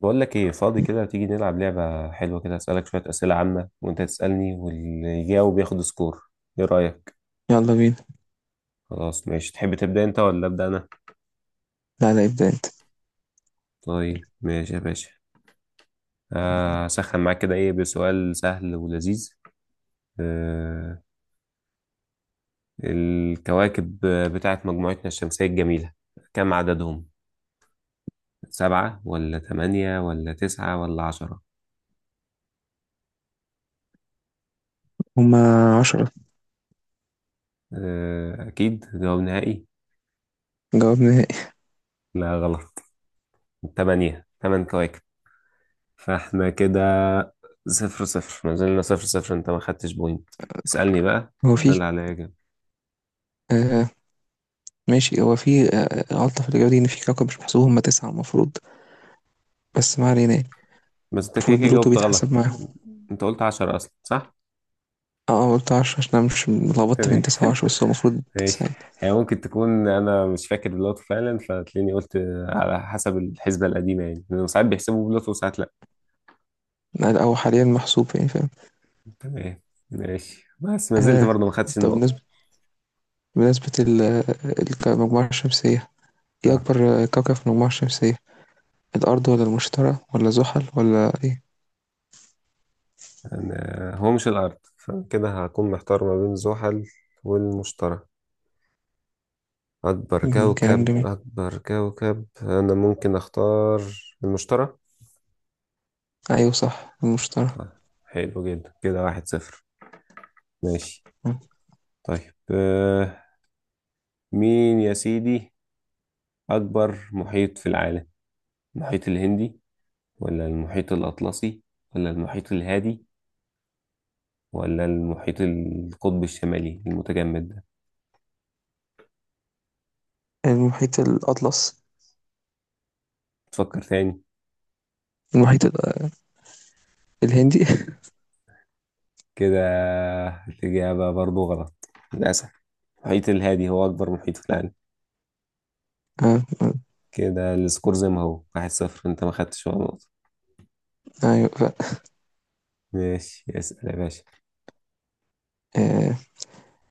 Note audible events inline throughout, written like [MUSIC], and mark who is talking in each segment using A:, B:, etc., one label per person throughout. A: بقول لك ايه فاضي كده تيجي نلعب لعبة حلوة كده، اسألك شوية أسئلة عامة وانت تسألني واللي يجاوب ياخد سكور. ايه رأيك؟
B: يلا بينا.
A: خلاص ماشي، تحب تبدأ انت ولا أبدأ انا؟
B: لا، لا، ابدأ انت.
A: طيب ماشي يا باشا. اسخن معاك كده ايه بسؤال سهل ولذيذ. آه الكواكب بتاعت مجموعتنا الشمسية الجميلة، كم عددهم؟ سبعة ولا تمانية ولا تسعة ولا عشرة؟
B: هما عشرة.
A: آه أكيد، جواب نهائي؟
B: جواب نهائي.
A: لا غلط. تمانية كواكب. فاحنا كده صفر صفر، ما زلنا صفر صفر، انت ما خدتش بوينت. اسألني بقى،
B: هو
A: انا
B: في
A: اللي عليا اجاوب.
B: آه ماشي. هو في آه غلطة في الإجابة دي، إن في كوكب مش محسوب، هما تسعة المفروض. بس ما علينا يعني.
A: بس انت كده
B: المفروض
A: كده
B: بلوتو
A: جاوبت
B: بيتحسب
A: غلط.
B: معاهم.
A: انت قلت عشرة اصلا، صح؟
B: اه، أنا قلت عشرة عشان أنا مش لخبطت
A: تمام.
B: بين تسعة وعشرة،
A: [LAUGHS]
B: بس هو المفروض
A: ماشي.
B: تسعة يعني.
A: هي ممكن تكون انا مش فاكر بلوتو فعلا فتلاقيني قلت على حسب الحسبة القديمة، يعني لأنه ساعات بيحسبوا بلوتو وساعات لا.
B: لا، هو حاليا محسوب، يعني فاهم.
A: تمام ماشي، بس ما زلت
B: آه،
A: برضه ما خدتش
B: طب بالنسبة،
A: النقطة.
B: بالنسبة ال- المجموعة الشمسية، ايه
A: اه
B: أكبر كوكب في المجموعة الشمسية؟ الأرض ولا المشتري ولا زحل ولا ايه؟
A: هو مش الارض، فكده هكون محتار ما بين زحل والمشتري. أكبر
B: كلام
A: كوكب،
B: جميل.
A: أكبر كوكب أنا ممكن أختار المشتري.
B: أيوه صح، المشتري.
A: طيب حلو جدا، كده واحد صفر. ماشي. طيب مين يا سيدي أكبر محيط في العالم؟ المحيط الهندي، ولا المحيط الأطلسي، ولا المحيط الهادي، ولا المحيط القطب الشمالي المتجمد ده؟
B: المحيط الأطلس.
A: تفكر تاني.
B: المحيط الهندي. [LAUGHS]
A: كده الإجابة برضو غلط للأسف. المحيط الهادي هو أكبر محيط في العالم.
B: آه، آه.
A: كده السكور زي ما هو واحد صفر، انت ما خدتش ولا نقطة.
B: أيوة،
A: ماشي اسأل يا باشا.
B: آه.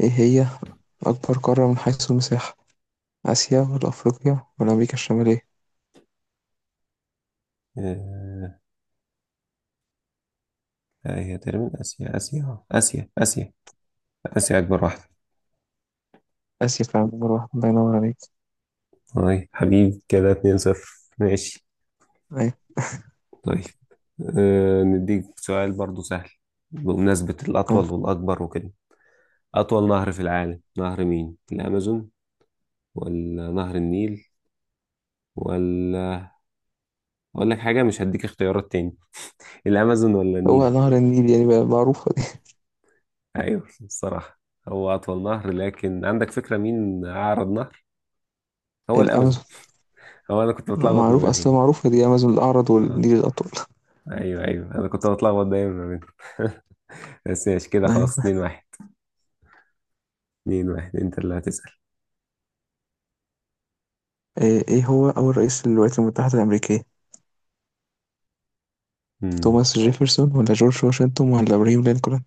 B: إيه هي أكبر قارة من حيث المساحة؟ آسيا ولا أفريقيا ولا أمريكا الشمالية؟
A: آه لا، هي تقريبا آسيا آسيا، آسيا آسيا، آسيا أكبر واحدة.
B: آسيا فعلا، نمبر واحد. الله ينور عليك.
A: طيب حبيب، كده 2-0. ماشي.
B: أيوة
A: طيب نديك سؤال برضو سهل بمناسبة الأطول
B: آه.
A: والأكبر وكده. أطول نهر في العالم نهر مين؟ الأمازون ولا نهر النيل ولا، أقول لك حاجة، مش هديك اختيارات تاني. الأمازون ولا
B: هو
A: النيل؟
B: نهر النيل يعني، بقى معروفة دي.
A: أيوه الصراحة، هو أطول نهر. لكن عندك فكرة مين أعرض نهر؟
B: [LAUGHS]
A: هو الأمازون.
B: الأمازون.
A: هو أنا كنت بتلخبط ما
B: معروف
A: بينهم.
B: أصلا، معروفة دي. أمازون الأعرض
A: آه.
B: والنيل الأطول.
A: ايوه ايوه انا كنت بتلخبط دايما ما بينهم. [LAUGHS] بس ماشي كده
B: [LAUGHS] أيوة
A: خلاص 2
B: آه.
A: 1 2-1 انت اللي هتسأل.
B: إيه، هو أول رئيس للولايات المتحدة الأمريكية؟
A: امم.
B: توماس جيفرسون ولا جورج واشنطن ولا إبراهيم لينكولن؟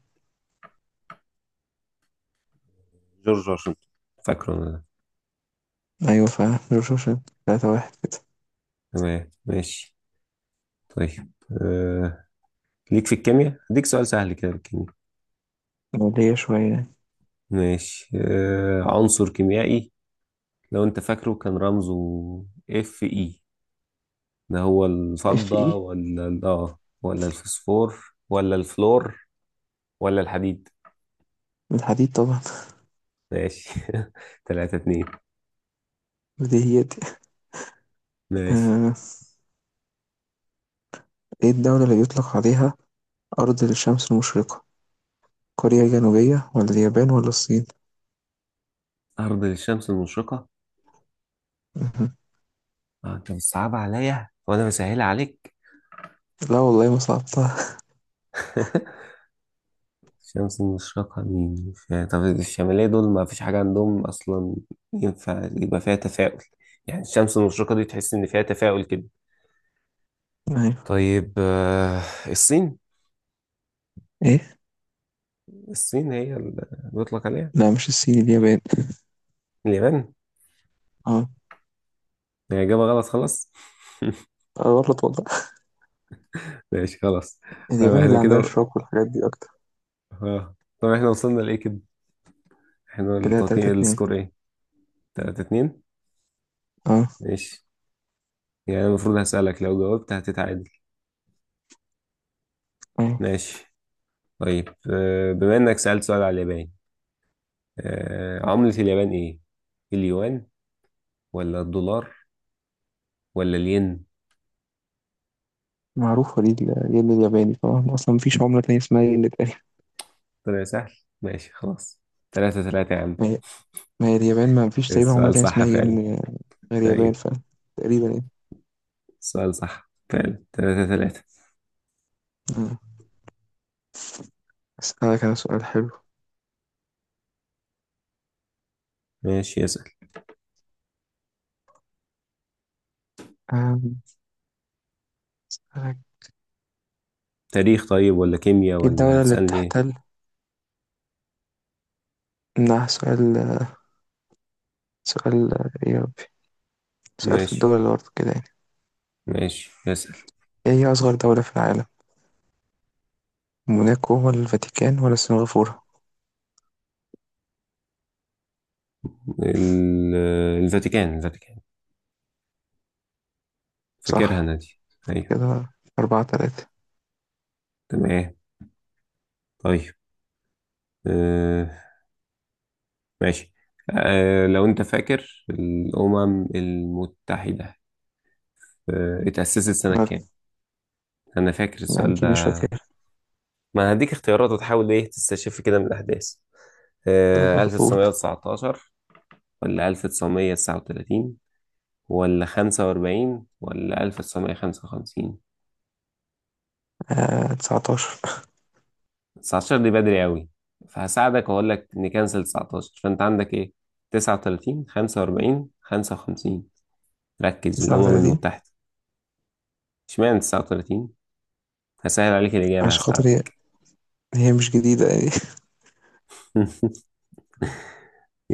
A: جورج واشنطن، فاكره انا ده.
B: أيوة فعلا، جورج واشنطن. تلاتة واحد كده.
A: تمام ماشي. طيب آه. ليك في الكيمياء اديك سؤال سهل كده، في الكيمياء.
B: مولية شوية يعني.
A: ماشي. عنصر كيميائي لو انت فاكره كان رمزه اف اي، ده هو
B: اف
A: الفضة،
B: اي
A: ولا ولا الفوسفور، ولا الفلور، ولا الحديد؟
B: الحديد طبعًا.
A: ماشي. [LAUGHS] 3-2.
B: [LAUGHS] بديهياتي.
A: ماشي.
B: آآ إيه الدولة اللي بيطلق عليها أرض الشمس المشرقة، كوريا الجنوبية والّا اليابان والّا الصين؟
A: أرض الشمس المشرقة،
B: اهم.
A: انت بتصعب عليا وانا بسهل عليك.
B: لا والله، ما صعبتها.
A: [LAUGHS] الشمس المشرقة مين، طب الشمالية دول ما فيش حاجة عندهم أصلا. ينفع يبقى فيها تفاؤل؟ يعني الشمس المشرقة دي تحس إن فيها تفاؤل كده.
B: أيوه.
A: طيب الصين.
B: إيه؟
A: الصين هي اللي بيطلق عليها.
B: لأ، مش الصين، اليابان.
A: اليابان.
B: آه،
A: هي إجابة غلط خلاص.
B: آه. غلط والله.
A: [LAUGHS] ماشي خلاص. طب
B: اليابان
A: احنا
B: اللي عندها
A: كده،
B: الشوك والحاجات دي أكتر.
A: اه طب احنا وصلنا لإيه كده؟ احنا
B: كده 3،
A: التقييم
B: 2.
A: السكور ايه؟ تلاتة اتنين.
B: آه،
A: ماشي. يعني المفروض هسألك، لو جاوبت هتتعادل.
B: أيوه.
A: ماشي. طيب بما انك سألت سؤال على اليابان، عملة اليابان ايه؟ اليوان، ولا الدولار، ولا الين؟
B: معروفة دي، الين الياباني طبعًا، أصلًا ما فيش عملة تانية اسمها ين تقريبًا.
A: طلع سهل. ماشي خلاص. ثلاثة ثلاثة يا عم.
B: ما هي ما هي اليابان، ما فيش تقريبًا عملة
A: السؤال
B: تانية
A: صح
B: اسمها
A: فعلا.
B: ين غير يابان،
A: طيب
B: تقريبًا يعني.
A: السؤال صح فعلا، ثلاثة ثلاثة.
B: إمم، أسألك أنا سؤال حلو.
A: ماشي اسأل.
B: آمم، أسألك.
A: تاريخ طيب، ولا كيمياء،
B: ايه
A: ولا
B: الدولة اللي
A: هتسألني ايه؟
B: بتحتل منها سؤال ايه يا ربي؟ سؤال في
A: ماشي
B: الدول اللي برضه كده يعني.
A: ماشي اسأل.
B: ايه هي أصغر دولة في العالم؟ موناكو ولا الفاتيكان ولا سنغافورة؟
A: الفاتيكان، الفاتيكان. فاكرها
B: صح
A: انا دي. ايوه
B: كده. أربعة تلاتة.
A: تمام. طيب آه، ماشي. لو انت فاكر الامم المتحده، اتاسست سنه
B: مال.
A: كام؟ انا فاكر
B: أنا
A: السؤال ده.
B: أكيد مش فاكر.
A: ما هديك اختيارات وتحاول ايه تستشف كده من الاحداث.
B: طب أقول
A: 1919 ولا 1939 ولا 45 ولا 1955؟
B: تسعتاشر،
A: 19 دي بدري قوي، فهساعدك واقول لك نكنسل 19. فانت عندك ايه، 39 45 55؟ ركز،
B: تسعة
A: الامم
B: وتلاتين.
A: المتحده. اشمعنى 39؟ هسهل عليك الإجابة،
B: عشان خاطر هي
A: هساعدك.
B: هي مش جديدة يعني. [LAUGHS]
A: [LAUGHS]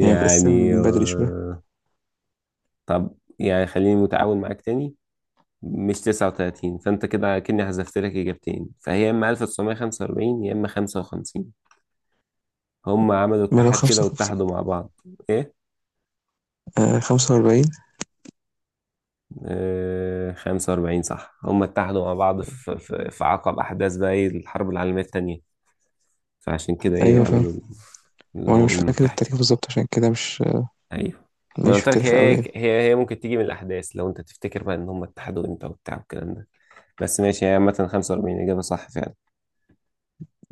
B: يعني متقسم من بدري شوية.
A: طب يعني خليني متعاون معاك تاني. مش 39، فأنت كده كأني حذفت لك إجابتين، فهي يا إما 1945 يا إما 55. هم عملوا
B: ما لو
A: اتحاد كده
B: خمسة خمسة.
A: واتحدوا مع بعض. إيه؟
B: خمسة وأربعين.
A: آه 45 صح، هم اتحدوا مع بعض في عقب أحداث بقى إيه الحرب العالمية التانية. فعشان كده إيه
B: أيوة فاهم.
A: عملوا
B: وأنا مش
A: الأمم
B: فاكر
A: المتحدة.
B: التاريخ بالظبط، عشان كده مش.
A: ايوه. ما أنا
B: مش في
A: قلت لك،
B: التاريخ أوي
A: هي
B: يعني.
A: هي هي ممكن تيجي من الاحداث لو انت تفتكر بقى ان هم اتحدوا امتى وبتاع والكلام ده. بس ماشي، هي عامة 45 اجابة صح فعلا.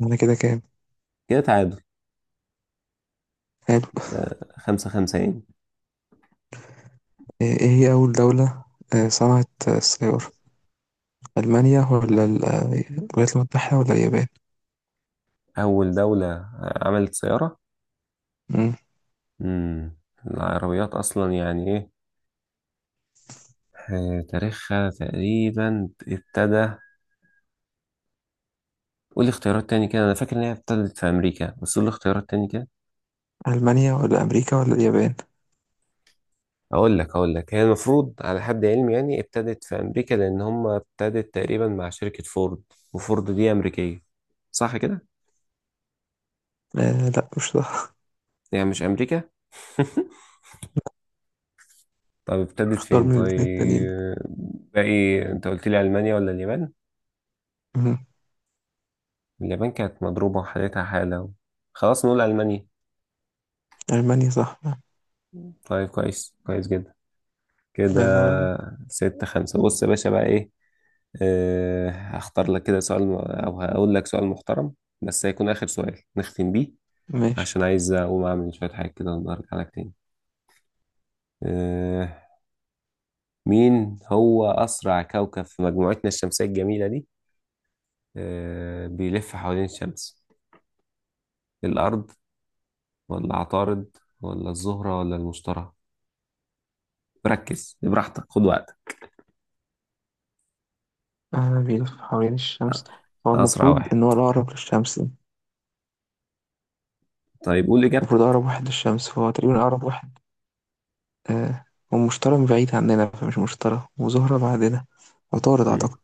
B: أنا كده كام؟
A: كده تعادل، خمسة خمسة يعني.
B: إيه هي اول دولة صنعت السيارة؟ المانيا ولا الولايات المتحدة ولا اليابان؟
A: اول دولة عملت سيارة.
B: مم.
A: امم. العربيات اصلا يعني ايه، تاريخها تقريبا ابتدى؟ قول لي اختيارات تاني كده، انا فاكر ان هي ابتدت في امريكا، بس قول لي اختيارات تاني كده.
B: المانيا ولا امريكا ولا اليابان؟
A: اقول لك هي المفروض على حد علمي يعني ابتدت في امريكا، لان هم ابتدت تقريبا مع شركة فورد، وفورد دي امريكية. صح كده؟
B: آه، لا مش صح.
A: يعني مش امريكا.
B: [LAUGHS]
A: طب ابتدت
B: اختار
A: فين
B: من الاثنين التانيين.
A: طيب؟ باقي انت قلت لي المانيا ولا اليابان.
B: مم.
A: اليابان كانت مضروبة وحالتها حالة، خلاص نقول المانيا.
B: المانيا صح.
A: طيب كويس، كويس جدا. كده
B: الله ينور عليك.
A: ستة خمسة. بص يا باشا بقى ايه، هختار لك كده سؤال. او هقول لك سؤال محترم، بس هيكون اخر سؤال نختم بيه،
B: ماشي،
A: عشان عايز أقوم أعمل شوية حاجات كده وأرجع لك تاني. آه. مين هو أسرع كوكب في مجموعتنا الشمسية الجميلة دي، بيلف حوالين الشمس؟ الأرض، ولا عطارد، ولا الزهرة، ولا المشتري؟ ركز، براحتك خد وقتك.
B: بيلف حوالين الشمس. هو
A: أسرع
B: المفروض
A: واحد.
B: ان هو الاقرب للشمس.
A: طيب قول إجابتك.
B: المفروض اقرب واحد للشمس، فهو تقريبا اقرب واحد. آه ومشتري بعيد عننا، فمش مشتري، وزهرة بعدنا. عطارد
A: مم.
B: اعتقد.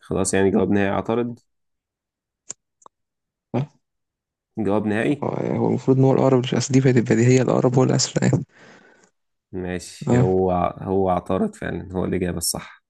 A: خلاص يعني جواب نهائي عطارد؟ جواب نهائي.
B: هو هو المفروض ان هو الاقرب للاسد، دي بقت البديهيه، الاقرب هو الاسد يعني.
A: ماشي.
B: اه.
A: هو عطارد فعلا، هو الإجابة الصح.